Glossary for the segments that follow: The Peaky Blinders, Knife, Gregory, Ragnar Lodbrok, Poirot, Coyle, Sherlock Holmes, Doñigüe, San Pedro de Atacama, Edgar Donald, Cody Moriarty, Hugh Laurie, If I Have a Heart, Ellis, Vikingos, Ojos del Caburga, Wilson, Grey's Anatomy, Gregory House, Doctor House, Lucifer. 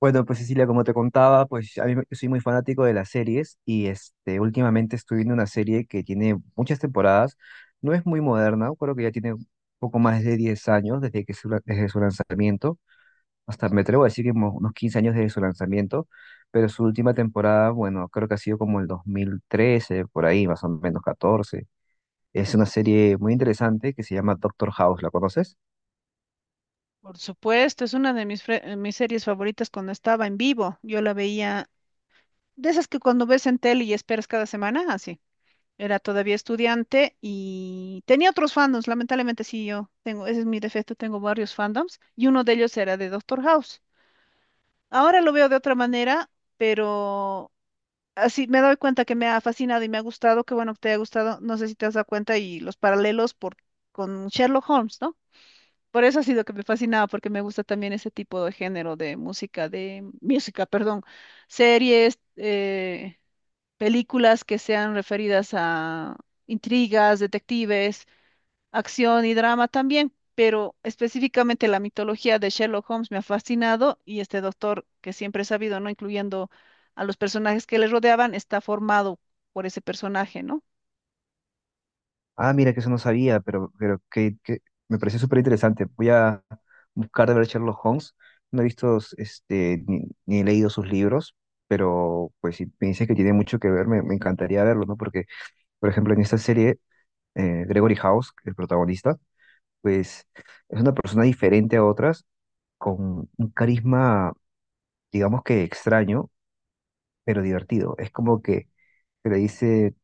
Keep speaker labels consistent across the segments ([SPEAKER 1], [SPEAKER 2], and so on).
[SPEAKER 1] Bueno, pues Cecilia, como te contaba, yo soy muy fanático de las series últimamente estoy viendo una serie que tiene muchas temporadas, no es muy moderna, creo que ya tiene un poco más de 10 años desde su lanzamiento, hasta me atrevo a decir que unos 15 años desde su lanzamiento, pero su última temporada, bueno, creo que ha sido como el 2013, por ahí, más o menos 14. Es una serie muy interesante que se llama Doctor House, ¿la conoces?
[SPEAKER 2] Por supuesto, es una de mis series favoritas cuando estaba en vivo. Yo la veía, de esas que cuando ves en tele y esperas cada semana, así. Era todavía estudiante y tenía otros fandoms, lamentablemente sí, yo tengo, ese es mi defecto, tengo varios fandoms y uno de ellos era de Doctor House. Ahora lo veo de otra manera, pero así me doy cuenta que me ha fascinado y me ha gustado, que bueno que te haya gustado, no sé si te has dado cuenta y los paralelos por, con Sherlock Holmes, ¿no? Por eso ha sido que me fascinaba, porque me gusta también ese tipo de género de música, perdón, series, películas que sean referidas a intrigas, detectives, acción y drama también, pero específicamente la mitología de Sherlock Holmes me ha fascinado y este doctor que siempre he sabido, ¿no? Incluyendo a los personajes que le rodeaban, está formado por ese personaje, ¿no?
[SPEAKER 1] Ah, mira, que eso no sabía, pero que me pareció súper interesante. Voy a buscar de ver Sherlock Holmes. No he visto ni he leído sus libros, pero pues si me dices que tiene mucho que ver, me encantaría verlo, ¿no? Porque, por ejemplo, en esta serie, Gregory House, el protagonista, pues es una persona diferente a otras, con un carisma, digamos que extraño, pero divertido. Es como que le dice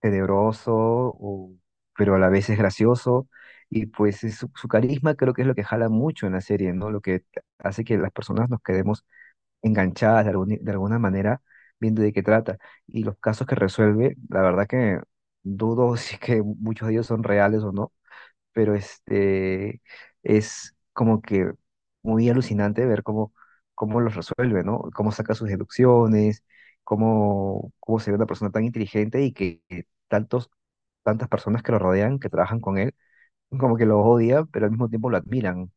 [SPEAKER 1] tenebroso, pero a la vez es gracioso. Y pues es su carisma creo que es lo que jala mucho en la serie, ¿no? Lo que hace que las personas nos quedemos enganchadas de alguna manera viendo de qué trata. Y los casos que resuelve, la verdad que dudo si es que muchos de ellos son reales o no, pero este es como que muy alucinante ver cómo los resuelve, ¿no? Cómo saca sus deducciones, cómo se ve una persona tan inteligente y que tantos, tantas personas que lo rodean, que trabajan con él, como que lo odian, pero al mismo tiempo lo admiran.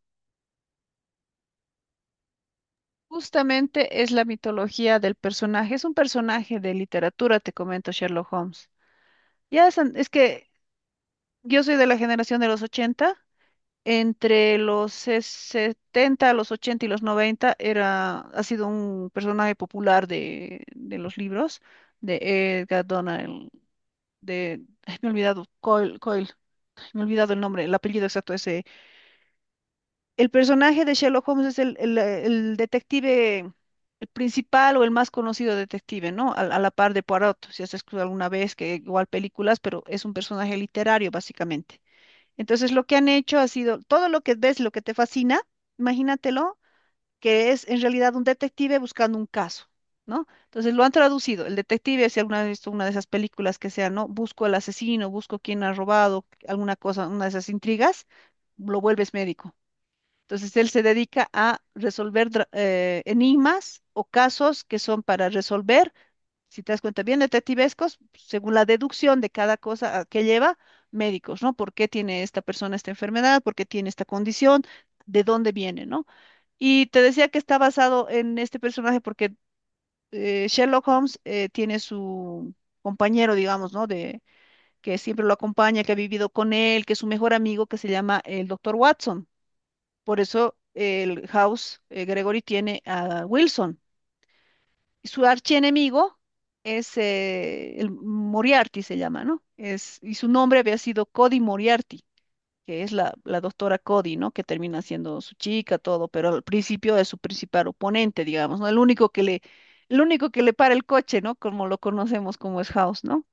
[SPEAKER 2] Justamente es la mitología del personaje, es un personaje de literatura, te comento, Sherlock Holmes. Es que yo soy de la generación de los 80 entre 70, los 80 y los 90 era, ha sido un personaje popular de los libros de Edgar Donald, de, ay, me he olvidado, Coyle, Coyle, ay, me he olvidado el nombre, el apellido exacto ese. El personaje de Sherlock Holmes es el detective, el principal o el más conocido detective, ¿no? A la par de Poirot, si has escuchado alguna vez, que igual películas, pero es un personaje literario básicamente. Entonces, lo que han hecho ha sido todo lo que ves, lo que te fascina, imagínatelo, que es en realidad un detective buscando un caso, ¿no? Entonces, lo han traducido. El detective, si alguna vez has visto una de esas películas que sea, ¿no? Busco al asesino, busco quién ha robado alguna cosa, una de esas intrigas, lo vuelves médico. Entonces, él se dedica a resolver enigmas o casos que son para resolver si te das cuenta, bien detectivescos, según la deducción de cada cosa a que lleva, médicos, ¿no? ¿Por qué tiene esta persona esta enfermedad? ¿Por qué tiene esta condición? ¿De dónde viene, no? Y te decía que está basado en este personaje porque Sherlock Holmes tiene su compañero, digamos, ¿no? De, que siempre lo acompaña, que ha vivido con él, que es su mejor amigo, que se llama el doctor Watson. Por eso el House Gregory tiene a Wilson, su archienemigo es el Moriarty, se llama, ¿no? Es, y su nombre había sido Cody Moriarty, que es la doctora Cody, ¿no? Que termina siendo su chica, todo, pero al principio es su principal oponente, digamos, ¿no? El único que le para el coche, ¿no? Como lo conocemos como es House, ¿no?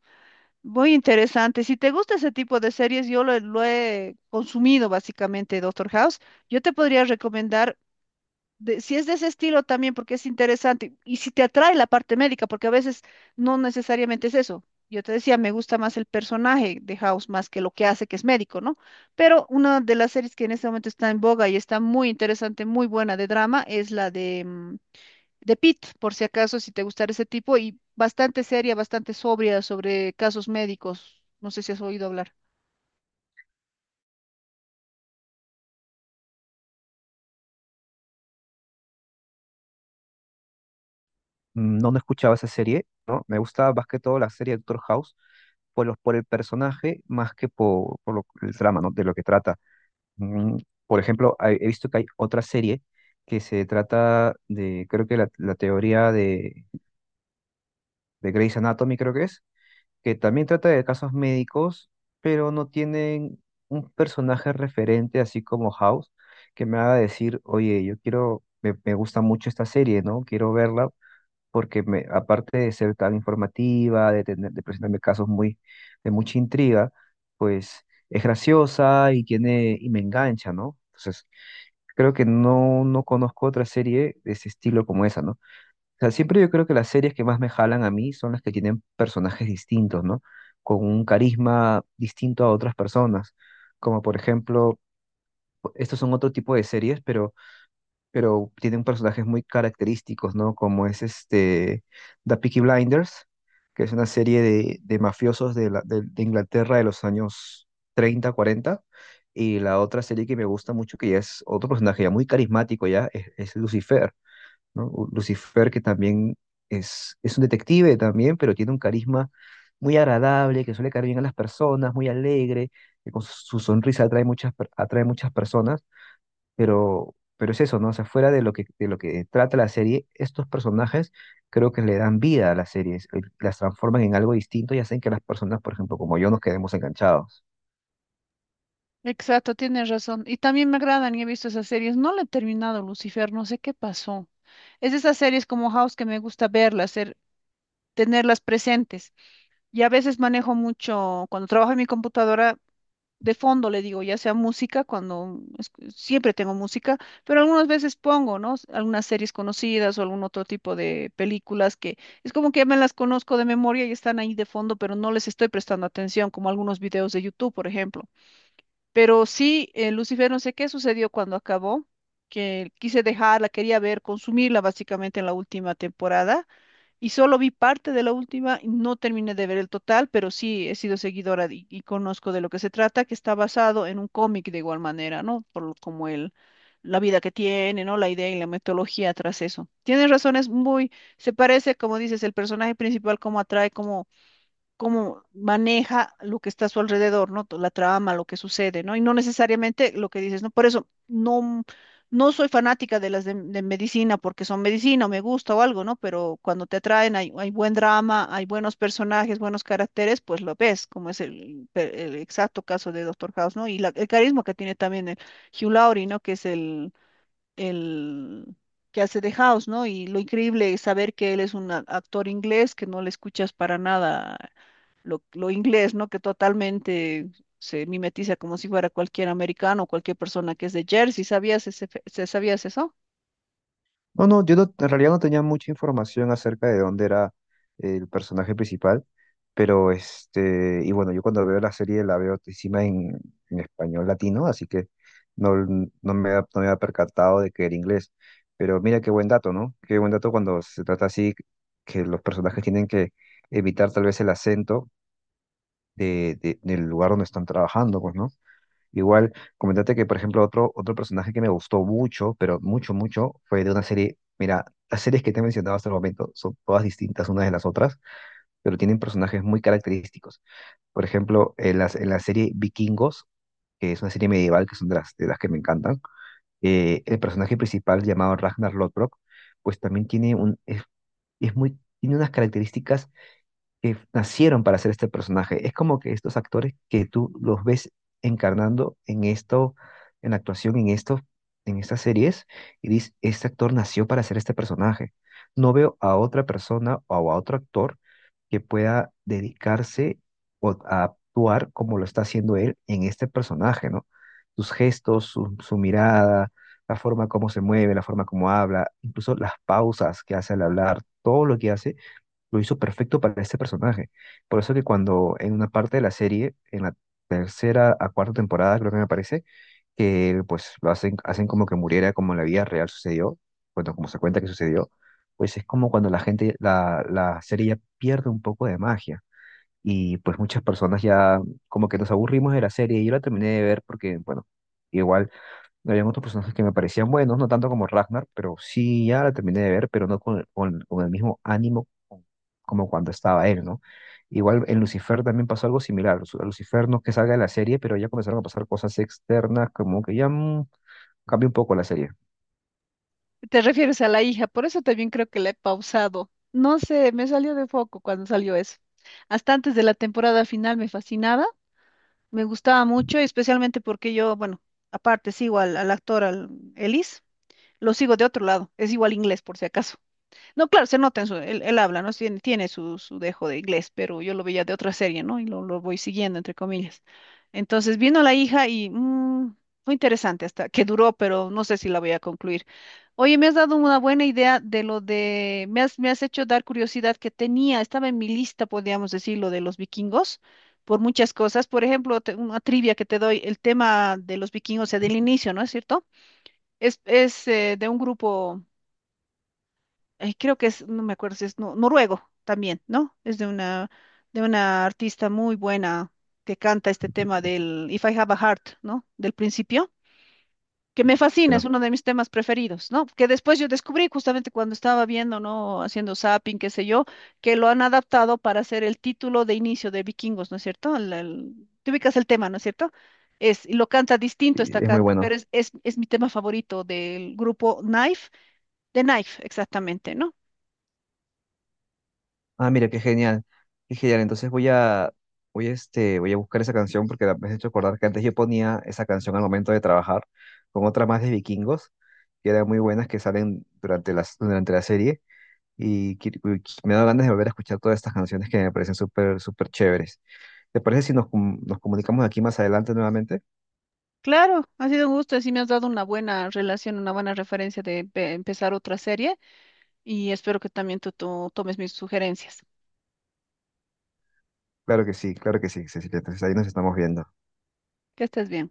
[SPEAKER 2] Muy interesante. Si te gusta ese tipo de series, yo lo he consumido básicamente, Doctor House. Yo te podría recomendar si es de ese estilo también, porque es interesante, y si te atrae la parte médica, porque a veces no necesariamente es eso. Yo te decía, me gusta más el personaje de House más que lo que hace, que es médico, ¿no? Pero una de las series que en este momento está en boga y está muy interesante, muy buena de drama, es la de Pitt, por si acaso, si te gustara ese tipo, y bastante seria, bastante sobria sobre casos médicos. No sé si has oído hablar.
[SPEAKER 1] Mm, no, no escuchaba esa serie, ¿no? Me gustaba más que todo la serie Doctor House por el personaje más que por el trama, ¿no? De lo que trata. Mm, por ejemplo, he visto que hay otra serie que se trata de, creo que la teoría de Grey's Anatomy, creo que es, que también trata de casos médicos, pero no tienen un personaje referente, así como House, que me haga decir, oye, yo quiero, me gusta mucho esta serie, ¿no? Quiero verla, porque me, aparte de ser tan informativa, de presentarme de mucha intriga, pues es graciosa y tiene, y me engancha, ¿no? Entonces, creo que no, no conozco otra serie de ese estilo como esa, ¿no? O sea, siempre yo creo que las series que más me jalan a mí son las que tienen personajes distintos, ¿no? Con un carisma distinto a otras personas. Como por ejemplo, estos son otro tipo de series, pero tienen personajes muy característicos, ¿no? Como es este The Peaky Blinders, que es una serie de mafiosos de Inglaterra de los años 30, 40. Y la otra serie que me gusta mucho, que ya es otro personaje ya muy carismático, ya es Lucifer, ¿no? Lucifer que también es un detective también, pero tiene un carisma muy agradable, que suele caer bien a las personas, muy alegre, que con su sonrisa atrae atrae muchas personas. Pero es eso, ¿no? O sea, fuera de lo de lo que trata la serie, estos personajes creo que le dan vida a las series, las transforman en algo distinto y hacen que las personas, por ejemplo, como yo, nos quedemos enganchados.
[SPEAKER 2] Exacto, tienes razón. Y también me agradan y he visto esas series. No la he terminado, Lucifer, no sé qué pasó. Es de esas series como House que me gusta verlas, tenerlas presentes. Y a veces manejo mucho, cuando trabajo en mi computadora, de fondo le digo, ya sea música, siempre tengo música, pero algunas veces pongo, ¿no? Algunas series conocidas o algún otro tipo de películas que es como que ya me las conozco de memoria y están ahí de fondo, pero no les estoy prestando atención, como algunos videos de YouTube, por ejemplo. Pero sí, Lucifer, no sé qué sucedió cuando acabó, que quise dejarla, quería ver, consumirla básicamente en la última temporada y solo vi parte de la última, y no terminé de ver el total, pero sí he sido seguidora y conozco de lo que se trata, que está basado en un cómic de igual manera, ¿no? Como el, la vida que tiene, ¿no? La idea y la metodología tras eso. Tienes razones muy, se parece, como dices, el personaje principal, cómo atrae, cómo maneja lo que está a su alrededor, ¿no? La trama, lo que sucede, ¿no? Y no necesariamente lo que dices, ¿no? Por eso no, no soy fanática de las de medicina porque son medicina o me gusta o algo, ¿no? Pero cuando te atraen hay, hay buen drama, hay buenos personajes, buenos caracteres, pues lo ves, como es el, el exacto caso de Doctor House, ¿no? Y el carisma que tiene también el Hugh Laurie, ¿no? Que es el que hace de House, ¿no? Y lo increíble es saber que él es un actor inglés que no le escuchas para nada lo inglés, ¿no? Que totalmente se mimetiza como si fuera cualquier americano, cualquier persona que es de Jersey. ¿Sabías ese, sabías eso?
[SPEAKER 1] No, yo en realidad no tenía mucha información acerca de dónde era el personaje principal, y bueno, yo cuando veo la serie la veo encima en español latino, así que no, no me había percatado de que era inglés. Pero mira qué buen dato, ¿no? Qué buen dato cuando se trata así, que los personajes tienen que evitar tal vez el acento del lugar donde están trabajando, pues, ¿no? Igual, comentate que, por ejemplo, otro personaje que me gustó mucho, pero mucho, mucho, fue de una serie. Mira, las series que te he mencionado hasta el momento son todas distintas unas de las otras, pero tienen personajes muy característicos. Por ejemplo, en en la serie Vikingos, que es una serie medieval, que son de de las que me encantan, el personaje principal llamado Ragnar Lodbrok, pues también tiene es muy, tiene unas características que nacieron para hacer este personaje. Es como que estos actores que tú los ves encarnando en esto, en la actuación, en esto, en estas series, y dices, este actor nació para hacer este personaje. No veo a otra persona o a otro actor que pueda dedicarse o a actuar como lo está haciendo él en este personaje, ¿no? Sus gestos, su mirada, la forma como se mueve, la forma como habla, incluso las pausas que hace al hablar, todo lo que hace lo hizo perfecto para este personaje. Por eso que cuando en una parte de la serie, en la tercera a cuarta temporada, creo que me parece, que pues lo hacen, hacen como que muriera como en la vida real sucedió, bueno, como se cuenta que sucedió, pues es como cuando la gente, la serie ya pierde un poco de magia. Y pues muchas personas ya como que nos aburrimos de la serie. Yo la terminé de ver porque, bueno, igual habían otros personajes que me parecían buenos, no tanto como Ragnar, pero sí, ya la terminé de ver, pero no con el mismo ánimo como cuando estaba él, ¿no? Igual en Lucifer también pasó algo similar. Lucifer no es que salga de la serie, pero ya comenzaron a pasar cosas externas, como que ya cambió un poco la serie.
[SPEAKER 2] Te refieres a la hija, por eso también creo que la he pausado. No sé, me salió de foco cuando salió eso. Hasta antes de la temporada final me fascinaba, me gustaba mucho, especialmente porque yo, bueno, aparte sigo al actor, al Ellis, lo sigo de otro lado, es igual inglés por si acaso. No, claro, se nota en su, él habla, ¿no? Tiene, tiene su, su dejo de inglés, pero yo lo veía de otra serie, ¿no? Y lo voy siguiendo, entre comillas. Entonces vino la hija y fue interesante hasta que duró, pero no sé si la voy a concluir. Oye, me has dado una buena idea de lo de, me has hecho dar curiosidad que tenía, estaba en mi lista, podríamos decir, lo de los vikingos, por muchas cosas. Por ejemplo, una trivia que te doy, el tema de los vikingos, o sea, del inicio, ¿no es cierto? Es de un grupo ay, creo que es, no me acuerdo si es noruego también, ¿no? Es de una artista muy buena que canta este tema del If I Have a Heart, ¿no? Del principio, que me fascina, es
[SPEAKER 1] Pero,
[SPEAKER 2] uno de mis temas preferidos, ¿no? Que después yo descubrí justamente cuando estaba viendo, ¿no? Haciendo zapping, qué sé yo, que lo han adaptado para hacer el título de inicio de Vikingos, ¿no es cierto? Te ubicas el tema, ¿no es cierto? Es, y lo canta distinto esta
[SPEAKER 1] es muy
[SPEAKER 2] canta, pero
[SPEAKER 1] bueno.
[SPEAKER 2] es mi tema favorito del grupo Knife, de Knife, exactamente, ¿no?
[SPEAKER 1] Ah, mira, qué genial. Qué genial. Entonces voy a, este, voy a buscar esa canción porque me has hecho acordar que antes yo ponía esa canción al momento de trabajar con otras más de vikingos, que eran muy buenas, que salen durante durante la serie. Y me da ganas de volver a escuchar todas estas canciones que me parecen súper, súper chéveres. ¿Te parece
[SPEAKER 2] Claro, ha sido un gusto, así me has dado una buena relación, una buena referencia de empezar otra serie y espero que también tú tomes mis sugerencias. Que estés bien.